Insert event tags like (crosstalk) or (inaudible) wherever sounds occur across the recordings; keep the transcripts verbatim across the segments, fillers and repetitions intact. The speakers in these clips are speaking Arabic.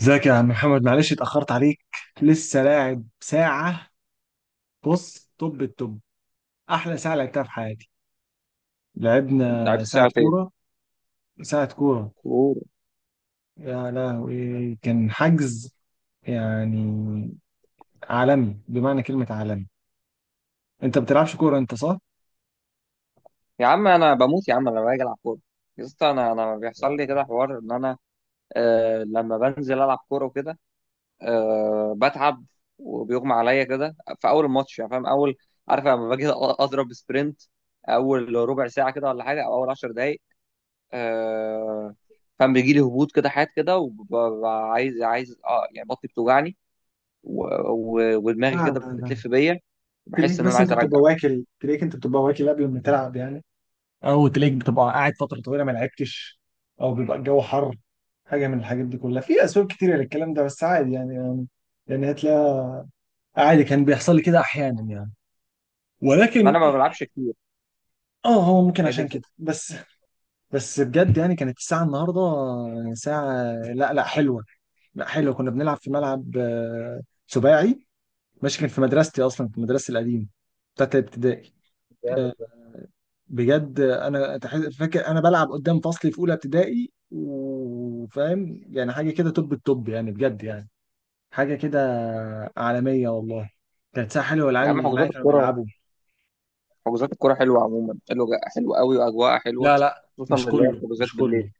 ازيك يا عم محمد، معلش اتأخرت عليك. لسه لاعب ساعة. بص، طب، الطب أحلى ساعة لعبتها في حياتي. لعبت لعبنا ساعة ساعتين كورة. ساعة كورة. كوره. يا لهوي، كان حجز يعني عالمي بمعنى كلمة عالمي. أنت ما بتلعبش كورة أنت، صح؟ يا عم، انا بموت يا عم لما باجي العب كوره. يا اسطى، انا انا لا بيحصل لي كده حوار ان انا آه لما بنزل العب كوره وكده. آه، بتعب وبيغمى عليا كده في اول الماتش، يعني فاهم اول، عارف لما باجي أ- اضرب سبرنت اول ربع ساعه كده ولا حاجه او اول 10 دقائق. آه، فاهم بيجي لي هبوط كده، حاجات كده، وببقى عايز عايز اه يعني بطني بتوجعني و- و- ودماغي لا كده لا. بتلف بيا. تلاقيك بحس ان انا بس عايز أنت ارجع. بتبقى واكل تلاقيك أنت بتبقى واكل قبل ما تلعب يعني. او تلاقيك بتبقى قاعد فتره طويله ما لعبتش، او بيبقى الجو حر. حاجه من الحاجات دي كلها، في اسباب كتيره للكلام ده، بس عادي يعني. يعني يعني هتلاقي، عادي كان بيحصل لي كده احيانا يعني. ما انا ولكن ما يعني بلعبش كتير. اه، هو ممكن هي دي عشان كده بس بس بجد يعني، كانت الساعه النهارده يعني ساعه، لا لا حلوه، لا حلوه. كنا بنلعب في ملعب، آه، سباعي. ماشي، كان في مدرستي اصلا، في مدرستي القديمه بتاعت الابتدائي. الفكره. آه، بجد انا تح- فاكر انا بلعب قدام فصلي في اولى ابتدائي، وفاهم يعني حاجه كده توب التوب يعني، بجد يعني حاجه كده عالميه والله. كانت ساعه حلوه، يا والعيال عم، اللي معايا حجوزات كانوا الكرة بيلعبوا. حجوزات الكرة حلوة، عموما حلوة، حلوة قوي وأجواءها حلوة، لا لا، خصوصا مش اللي هي كله، حجوزات مش بالليل. كله.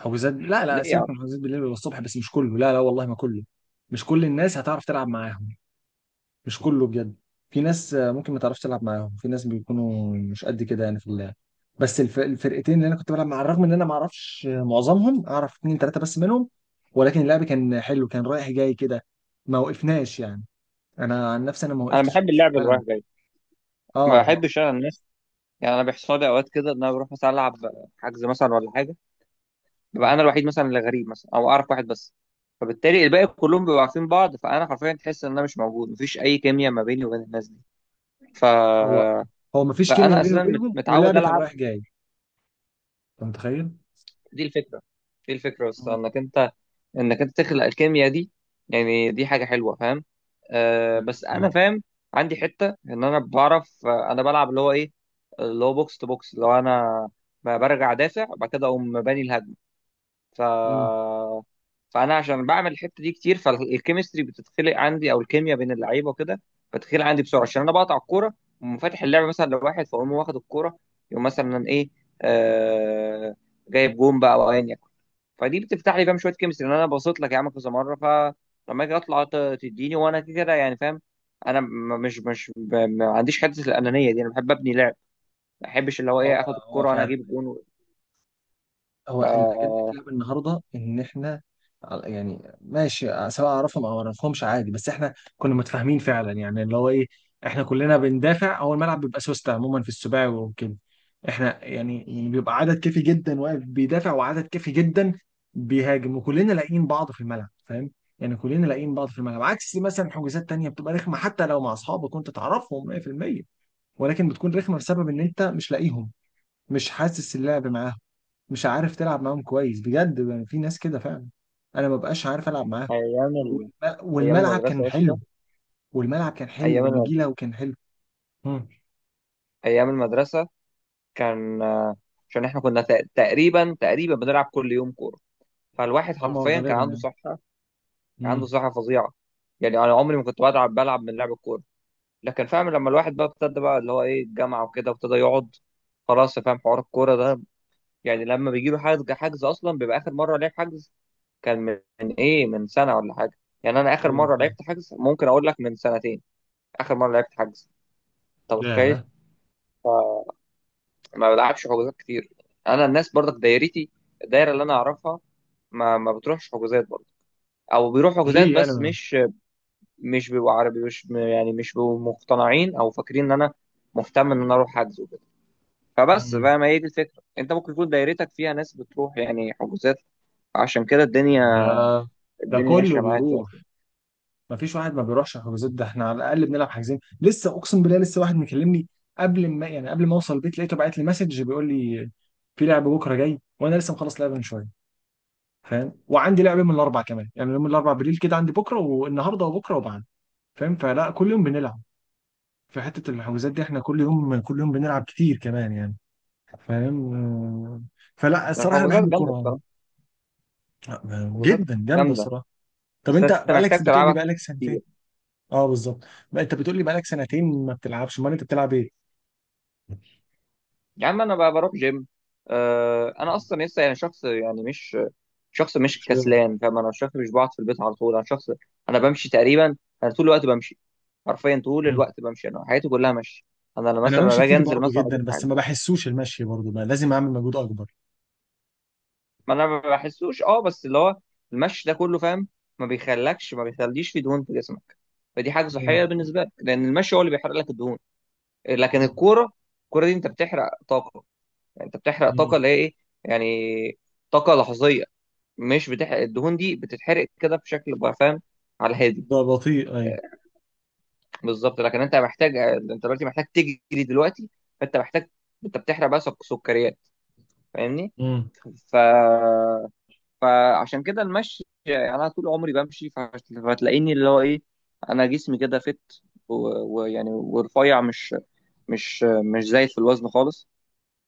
حجوزات، لا لا، ليه يا عم؟ سيبك من حجوزات بالليل والصبح، بس مش كله، لا لا والله ما كله. مش كل الناس هتعرف تلعب معاهم. مش كله بجد. في ناس آه، ممكن ما تعرفش تلعب معاهم، في ناس بيكونوا مش قد كده يعني في اللعب. بس الف- الفرقتين اللي انا كنت بلعب مع، الرغم ان انا ما اعرفش معظمهم، اعرف اتنين تلاته بس منهم، ولكن اللعب كان حلو، كان رايح جاي كده، ما وقفناش يعني. انا عن نفسي انا ما أنا وقفتش بحب خالص في اللعب اللي رايح الملعب. جاي، ما اه، ما بحبش أنا الناس. يعني أنا بيحصل لي أوقات كده إن أنا بروح مثلا ألعب حجز مثلا ولا حاجة، ببقى ما- أنا الوحيد مثلا اللي غريب، مثلا أو أعرف واحد بس، فبالتالي الباقي كلهم بيبقوا عارفين بعض، فأنا حرفيا تحس إن أنا مش موجود، مفيش أي كيمياء ما بيني وبين الناس دي. ف... هو هو ما فيش كيمياء فأنا بيني أساسا مت- وبينهم، متعود واللعب كان ألعب. رايح جاي. انت متخيل؟ دي الفكره. دي الفكره بس مم. انك انت انك انت تخلق الكيمياء دي، يعني دي حاجه حلوه فاهم. آه، بس انا فاهم، عندي حته ان انا بعرف، آه، انا بلعب اللي هو ايه، اللي هو بوكس تو بوكس، اللي هو انا ب- برجع دافع بعد كده اقوم باني الهجمه. ف مم. فانا عشان بعمل الحته دي كتير، فالكيمستري بتتخلق عندي، او الكيمياء بين اللعيبه وكده بتتخلق عندي بسرعه، عشان انا بقطع الكوره وفاتح اللعب مثلا لواحد، فاقوم واخد الكوره، يقوم مثلا ايه، آه، جايب جون بقى او ايا يكن. فدي بتفتح لي فاهم شويه كيمستري، ان انا بصيت لك يا عم كذا مره، فلما اجي اطلع ت- تديني وانا كده كده، يعني فاهم. انا م- مش مش ب- ما عنديش حته الانانيه دي، انا بحب ابني لعب، ما بحبش اللي هو هو ايه اخد هو الكوره وانا فعلا. اجيب جون. هو اللي عجبني في آه، اللعبه النهارده ان احنا على- يعني ماشي، سواء اعرفهم او ما اعرفهمش عادي، بس احنا كنا متفاهمين فعلا يعني اللي هو ايه، احنا كلنا بندافع. هو الملعب بيبقى سوستة عموما في السباعي وكده. احنا يعني بيبقى عدد كافي جدا واقف بيدافع، وعدد كافي جدا بيهاجم، وكلنا لاقيين بعض في الملعب فاهم، يعني كلنا لاقيين بعض في الملعب، عكس مثلا حجوزات تانية بتبقى رخمة حتى لو مع اصحابك وانت تعرفهم مية في المية، ولكن بتكون رخمة بسبب ان انت مش لاقيهم، مش حاسس اللعب معاهم، مش عارف تلعب معاهم كويس بجد. يعني في ناس كده فعلا، انا ما بقاش عارف العب معاهم. ايام ال... والم- ايام والملعب المدرسه كان يا اسطى، حلو. والملعب كان ايام حلو المد... ونجيله وكان حلو. مم. ايام المدرسه كان آه، عشان احنا كنا تق- تقريبا تقريبا بنلعب كل يوم كوره، فالواحد اه ما هو حرفيا كان غالبا عنده يعني. صحه، كان عنده مم. صحه فظيعه. يعني انا عمري ما كنت بلعب بلعب من لعب الكوره. لكن فاهم لما الواحد بقى ابتدى بقى اللي هو ايه الجامعه وكده وابتدى يقعد، خلاص فاهم حوار الكوره ده. يعني لما بيجي له حجز حجز اصلا بيبقى اخر مره لعب حجز كان من من ايه من سنه ولا حاجه. يعني انا اخر ايوه مره فعلا. لعبت حجز ممكن اقول لك من سنتين. اخر مره لعبت حجز، انت لا متخيل؟ لا. فما بلعبش حجوزات كتير. انا الناس برضك دايرتي، الدايره اللي انا اعرفها ما ما بتروحش حجوزات برضه، او بيروح حجوزات ليه؟ انا بس ما- مش، مش بيبقوا عربي، مش يعني مش بيبقوا مقتنعين او فاكرين ان انا مهتم ان انا اروح حجز. فبس مم. بقى ما هي دي الفكرة، انت ممكن يكون دايرتك فيها ناس بتروح يعني حجوزات، عشان كده الدنيا، ده ده الدنيا ماشية كله معاك يعني. بيروح. ما فيش واحد ما بيروحش الحجوزات ده. احنا على الاقل بنلعب، حاجزين لسه. اقسم بالله، لسه واحد مكلمني قبل ما يعني، قبل ما اوصل البيت، لقيته بعت لي مسج بيقول لي في لعب بكره جاي، وانا لسه مخلص لعبه من شويه فاهم. وعندي لعبه من الاربع كمان، يعني يوم الاربع بالليل كده عندي، بكره والنهارده وبكره وبعد فاهم. فلا، كل يوم بنلعب. في حته الحجوزات دي، احنا كل يوم كل يوم بنلعب كتير كمان يعني، فاهم. آه، فلا الصراحه انا الحجوزات بحب جامدة الكوره. بصراحة، آه، الحجوزات جدا جامده جامدة، الصراحه. طب، بس انت انت بقالك محتاج بتقول لي تلعبها بقالك سنتين؟ كتير. اه بالظبط. بقى انت بتقول لي بقالك سنتين ما بتلعبش، امال انت بتلعب ايه؟ يا عم انا بقى بروح جيم. آه، انا اصلا لسه يعني شخص، يعني مش شخص مش مش رياضي. كسلان، فاهم، انا شخص مش بقعد في البيت على طول، انا شخص، انا بمشي تقريبا، انا طول الوقت بمشي، حرفيا طول مم. الوقت بمشي، انا حياتي كلها مشي. انا لما انا مثلا لما بمشي باجي كتير انزل برضه مثلا اجيب جدا، بس حاجة. ما بحسوش المشي برضه، بقى لازم اعمل مجهود اكبر. ما انا ما بحسوش، اه بس اللي هو المشي ده كله فاهم، ما بيخلكش ما بيخليش في دهون في جسمك، فدي حاجه مم. صحيه بالنسبه لك لان المشي هو اللي بيحرق لك الدهون. لكن مم. الكوره، الكوره دي انت بتحرق طاقه، يعني انت بتحرق مم. طاقه اللي هي ايه، يعني طاقه لحظيه، مش بتحرق الدهون، دي بتتحرق كده بشكل بقى فاهم، على الهادي. ده بطيء، ايوه. آه، بالظبط، لكن انت محتاج، انت دلوقتي محتاج تجري دلوقتي، فانت محتاج، انت بتحرق بقى سك- سكريات، فاهمني. امم. ف فعشان كده المشي، يعني انا طول عمري بمشي، فهت- فهتلاقيني اللي هو ايه، انا جسمي كده فت و- ويعني ورفيع مش مش مش زايد في الوزن خالص،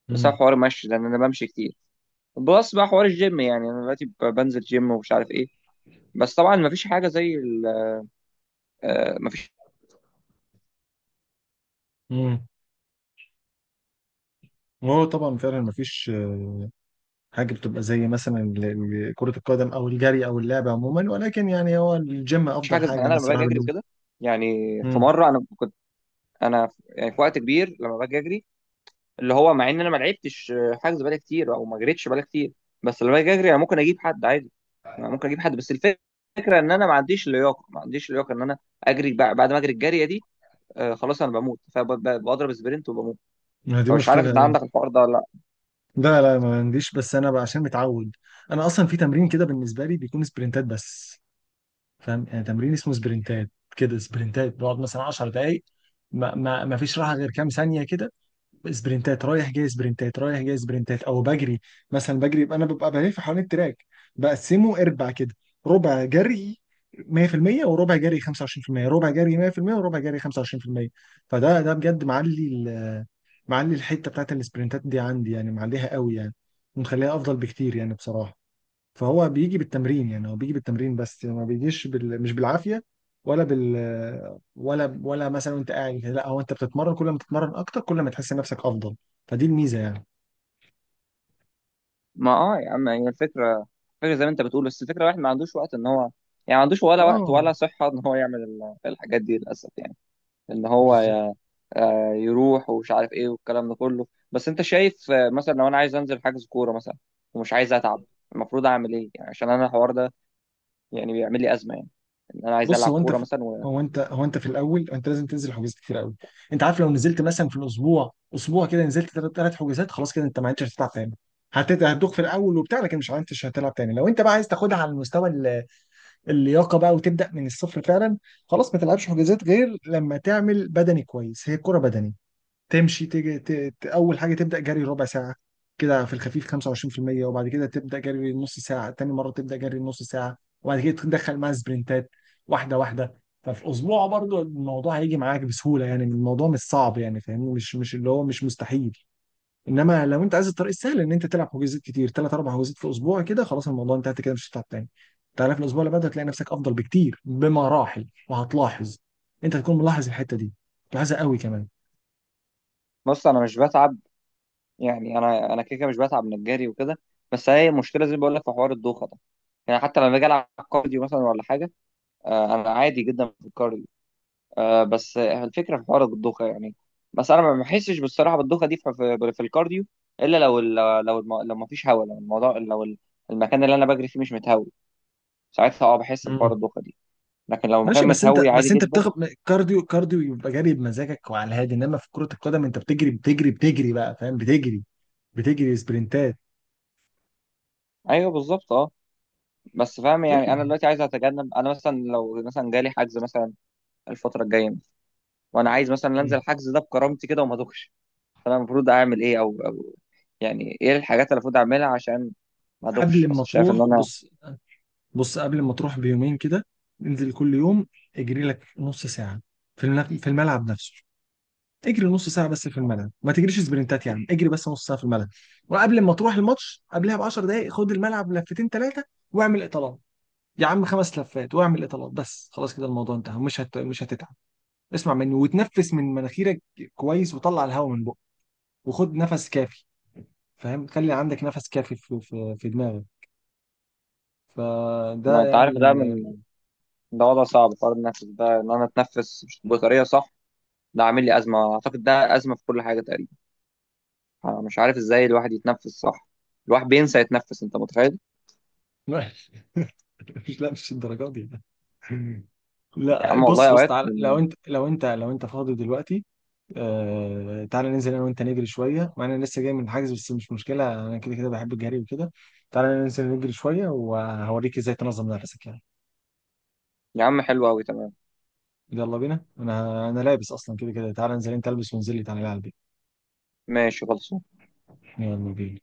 بسبب امم. حوار المشي لان انا بمشي كتير. بلس بقى حوار الجيم، يعني انا دلوقتي ب- بنزل جيم ومش عارف ايه، بس طبعا مفيش حاجه زي ال- آه، مفيش امم. وهو طبعا فعلا مفيش آه، حاجه بتبقى زي مثلا ال- ال- كره القدم او الجري او اللعبه عموما، ولكن يعني هو الجيم افضل حاجه زي، يعني حاجه انا انا لما الصراحه باجي اجري بالنسبه. وكده، يعني في امم. مره انا كنت، انا في- يعني في وقت كبير لما باجي اجري، اللي هو مع ان انا ما لعبتش حجز بقالي كتير او ما جريتش بقالي كتير، بس لما باجي اجري انا ممكن اجيب حد عادي، أنا ممكن اجيب حد، بس الفكره ان انا ما عنديش لياقه، ما عنديش لياقه ان انا اجري بع- بعد ما اجري الجاريه دي، آه خلاص انا بموت فبضرب سبرنت وبموت. دي فمش عارف مشكله، ان ايوه. عندك الحوار ده ولا لا. لا لا، ما عنديش، بس انا بقى عشان متعود. انا اصلا في تمرين كده بالنسبه لي، بيكون سبرنتات بس فاهم. يعني تمرين اسمه سبرنتات كده، سبرنتات بقعد مثلا 10 دقائق، ما, ما, ما فيش راحه غير كام ثانيه كده. سبرنتات رايح جاي، سبرنتات رايح جاي، سبرنتات، او بجري. مثلا بجري يبقى انا ببقى بلف حوالين التراك، بقسمه اربع كده: ربع جري مية في المية وربع جري خمسة وعشرين في المية، ربع جري مية في المية وربع جري خمسة وعشرين في المية. فده ده بجد معلي ال- معلي الحته بتاعت السبرنتات دي عندي يعني، معليها قوي يعني، ومخليها افضل بكتير يعني بصراحه. فهو بيجي بالتمرين يعني، هو بيجي بالتمرين بس يعني ما بيجيش بال... مش بالعافية ولا بال ولا ولا مثلا وانت قاعد كده. لا، هو انت بتتمرن، كل ما تتمرن اكتر كل ما تحس نفسك افضل، فدي الميزة يعني. ما اه يا عم هي الفكره، الفكره زي ما انت بتقول، بس الفكره الواحد ما عندوش وقت ان هو، يعني ما عندوش ولا وقت اه ولا صحه ان هو يعمل ال- الحاجات دي للاسف، يعني ان هو بالظبط. ي- آه، يروح ومش عارف ايه والكلام ده كله. بس انت شايف، آه، مثلا لو انا عايز انزل حجز كوره مثلا ومش عايز اتعب، المفروض اعمل ايه يعني، عشان انا الحوار ده يعني بيعمل لي ازمه، يعني ان انا عايز بص، العب هو انت كوره في... مثلا و... هو انت هو انت في الاول، انت لازم تنزل حجوزات كتير قوي. انت عارف، لو نزلت مثلا في الاسبوع اسبوع كده، نزلت ثلاث ثلاث حجوزات، خلاص كده انت ما عدتش هتلعب تاني. هتت... هتدوخ في الاول وبتاع، لكن مش عارف هتلعب تاني. لو انت بقى عايز تاخدها على المستوى، اللياقه بقى، وتبدا من الصفر فعلا، خلاص ما تلعبش حجازات غير لما تعمل بدني كويس، هي كرة بدني. تمشي تيجي ت... ت... اول حاجه تبدا جري ربع ساعه كده في الخفيف خمسة وعشرين في المية، وبعد كده تبدا جري نص ساعه، تاني مره تبدا جري نص ساعه، وبعد كده تدخل مع سبرنتات، واحده واحده. ففي اسبوع برضو الموضوع هيجي معاك بسهوله يعني، الموضوع مش صعب يعني فاهمني، مش مش اللي هو مش مستحيل. انما لو انت عايز الطريق السهل ان انت تلعب حجوزات كتير، ثلاث اربع حجوزات في الاسبوع كده، خلاص الموضوع انتهت كده، مش هتتعب تاني. تعالى في الاسبوع اللي بعده هتلاقي نفسك افضل بكتير، بمراحل، وهتلاحظ. انت هتكون ملاحظ الحته دي، ملاحظها قوي كمان. بص انا مش بتعب، يعني انا انا كده كده مش بتعب من الجري وكده، بس هي مشكله زي ما بقول لك في حوار الدوخه ده، يعني حتى لما باجي العب كارديو مثلا ولا حاجه، آه، انا عادي جدا في الكارديو، آه بس الفكره في حوار الضخه يعني، بس انا ما بحسش بالصراحه بالضخه دي في, في, في الكارديو، الا لو ال- لو الم- لو ما فيش هواء، لو الموضوع لو ال- المكان اللي انا بجري فيه مش متهوي، ساعتها اه بحس بحوار مم. الضخه دي، لكن لو ماشي، المكان بس انت متهوي عادي بس انت جدا. بتاخد كارديو، كارديو يبقى جري بمزاجك وعلى الهادي، انما في كرة القدم انت بتجري بتجري بتجري بقى فاهم، بتجري بتجري سبرنتات. ايوه بالظبط اه. بس فاهم يعني انا طيب. دلوقتي عايز اتجنب، انا مثلا لو مثلا جالي حجز مثلا الفتره الجايه، وانا عايز مثلا انزل مم. الحجز ده بكرامتي كده وما ادوخش، فانا المفروض اعمل ايه او او، يعني ايه الحاجات اللي المفروض اعملها عشان ما ادوخش، قبل ما بس شايف تروح ان انا، بص، بص قبل ما تروح بيومين كده، انزل كل يوم، اجري لك نص ساعة في الملعب، في الملعب نفسه، اجري نص ساعة بس في الملعب، ما تجريش سبرنتات، يعني اجري بس نص ساعة في الملعب. وقبل ما تروح الماتش قبلها ب 10 دقايق، خد الملعب لفتين ثلاثة واعمل اطالات، يا عم خمس لفات، واعمل اطالات بس، خلاص كده الموضوع انتهى، مش هت... مش هتتعب. اسمع مني وتنفس من مناخيرك كويس، وطلع الهواء من بقك، وخد نفس كافي فاهم، خلي عندك نفس كافي في في, في دماغك. فده ما انت يعني. عارف ده، ده وضع صعب، قرار النفس ده ان انا اتنفس مش- بطريقه صح ده عامل لي ازمه، اعتقد ده ازمه في كل حاجه تقريبا، انا مش عارف ازاي الواحد يتنفس صح، الواحد بينسى يتنفس، انت متخيل؟ لا. (laughs) مش لا، مش الدرجات دي. يا لا، عم والله بص، بص اوقات. تعالى لو انت لو انت لو انت فاضي دلوقتي، آه تعالى ننزل انا وانت نجري شويه، مع إن انا لسه جاي من الحجز بس مش مشكله، انا كده كده بحب الجري وكده، تعالى ننزل نجري شويه وهوريك ازاي تنظم نفسك يعني. يا عم حلو قوي، تمام، يلا بينا، انا انا لابس اصلا كده كده، تعالى انزل انت، البس وانزل لي تعالى على البيت. ماشي خلص. يلا بينا.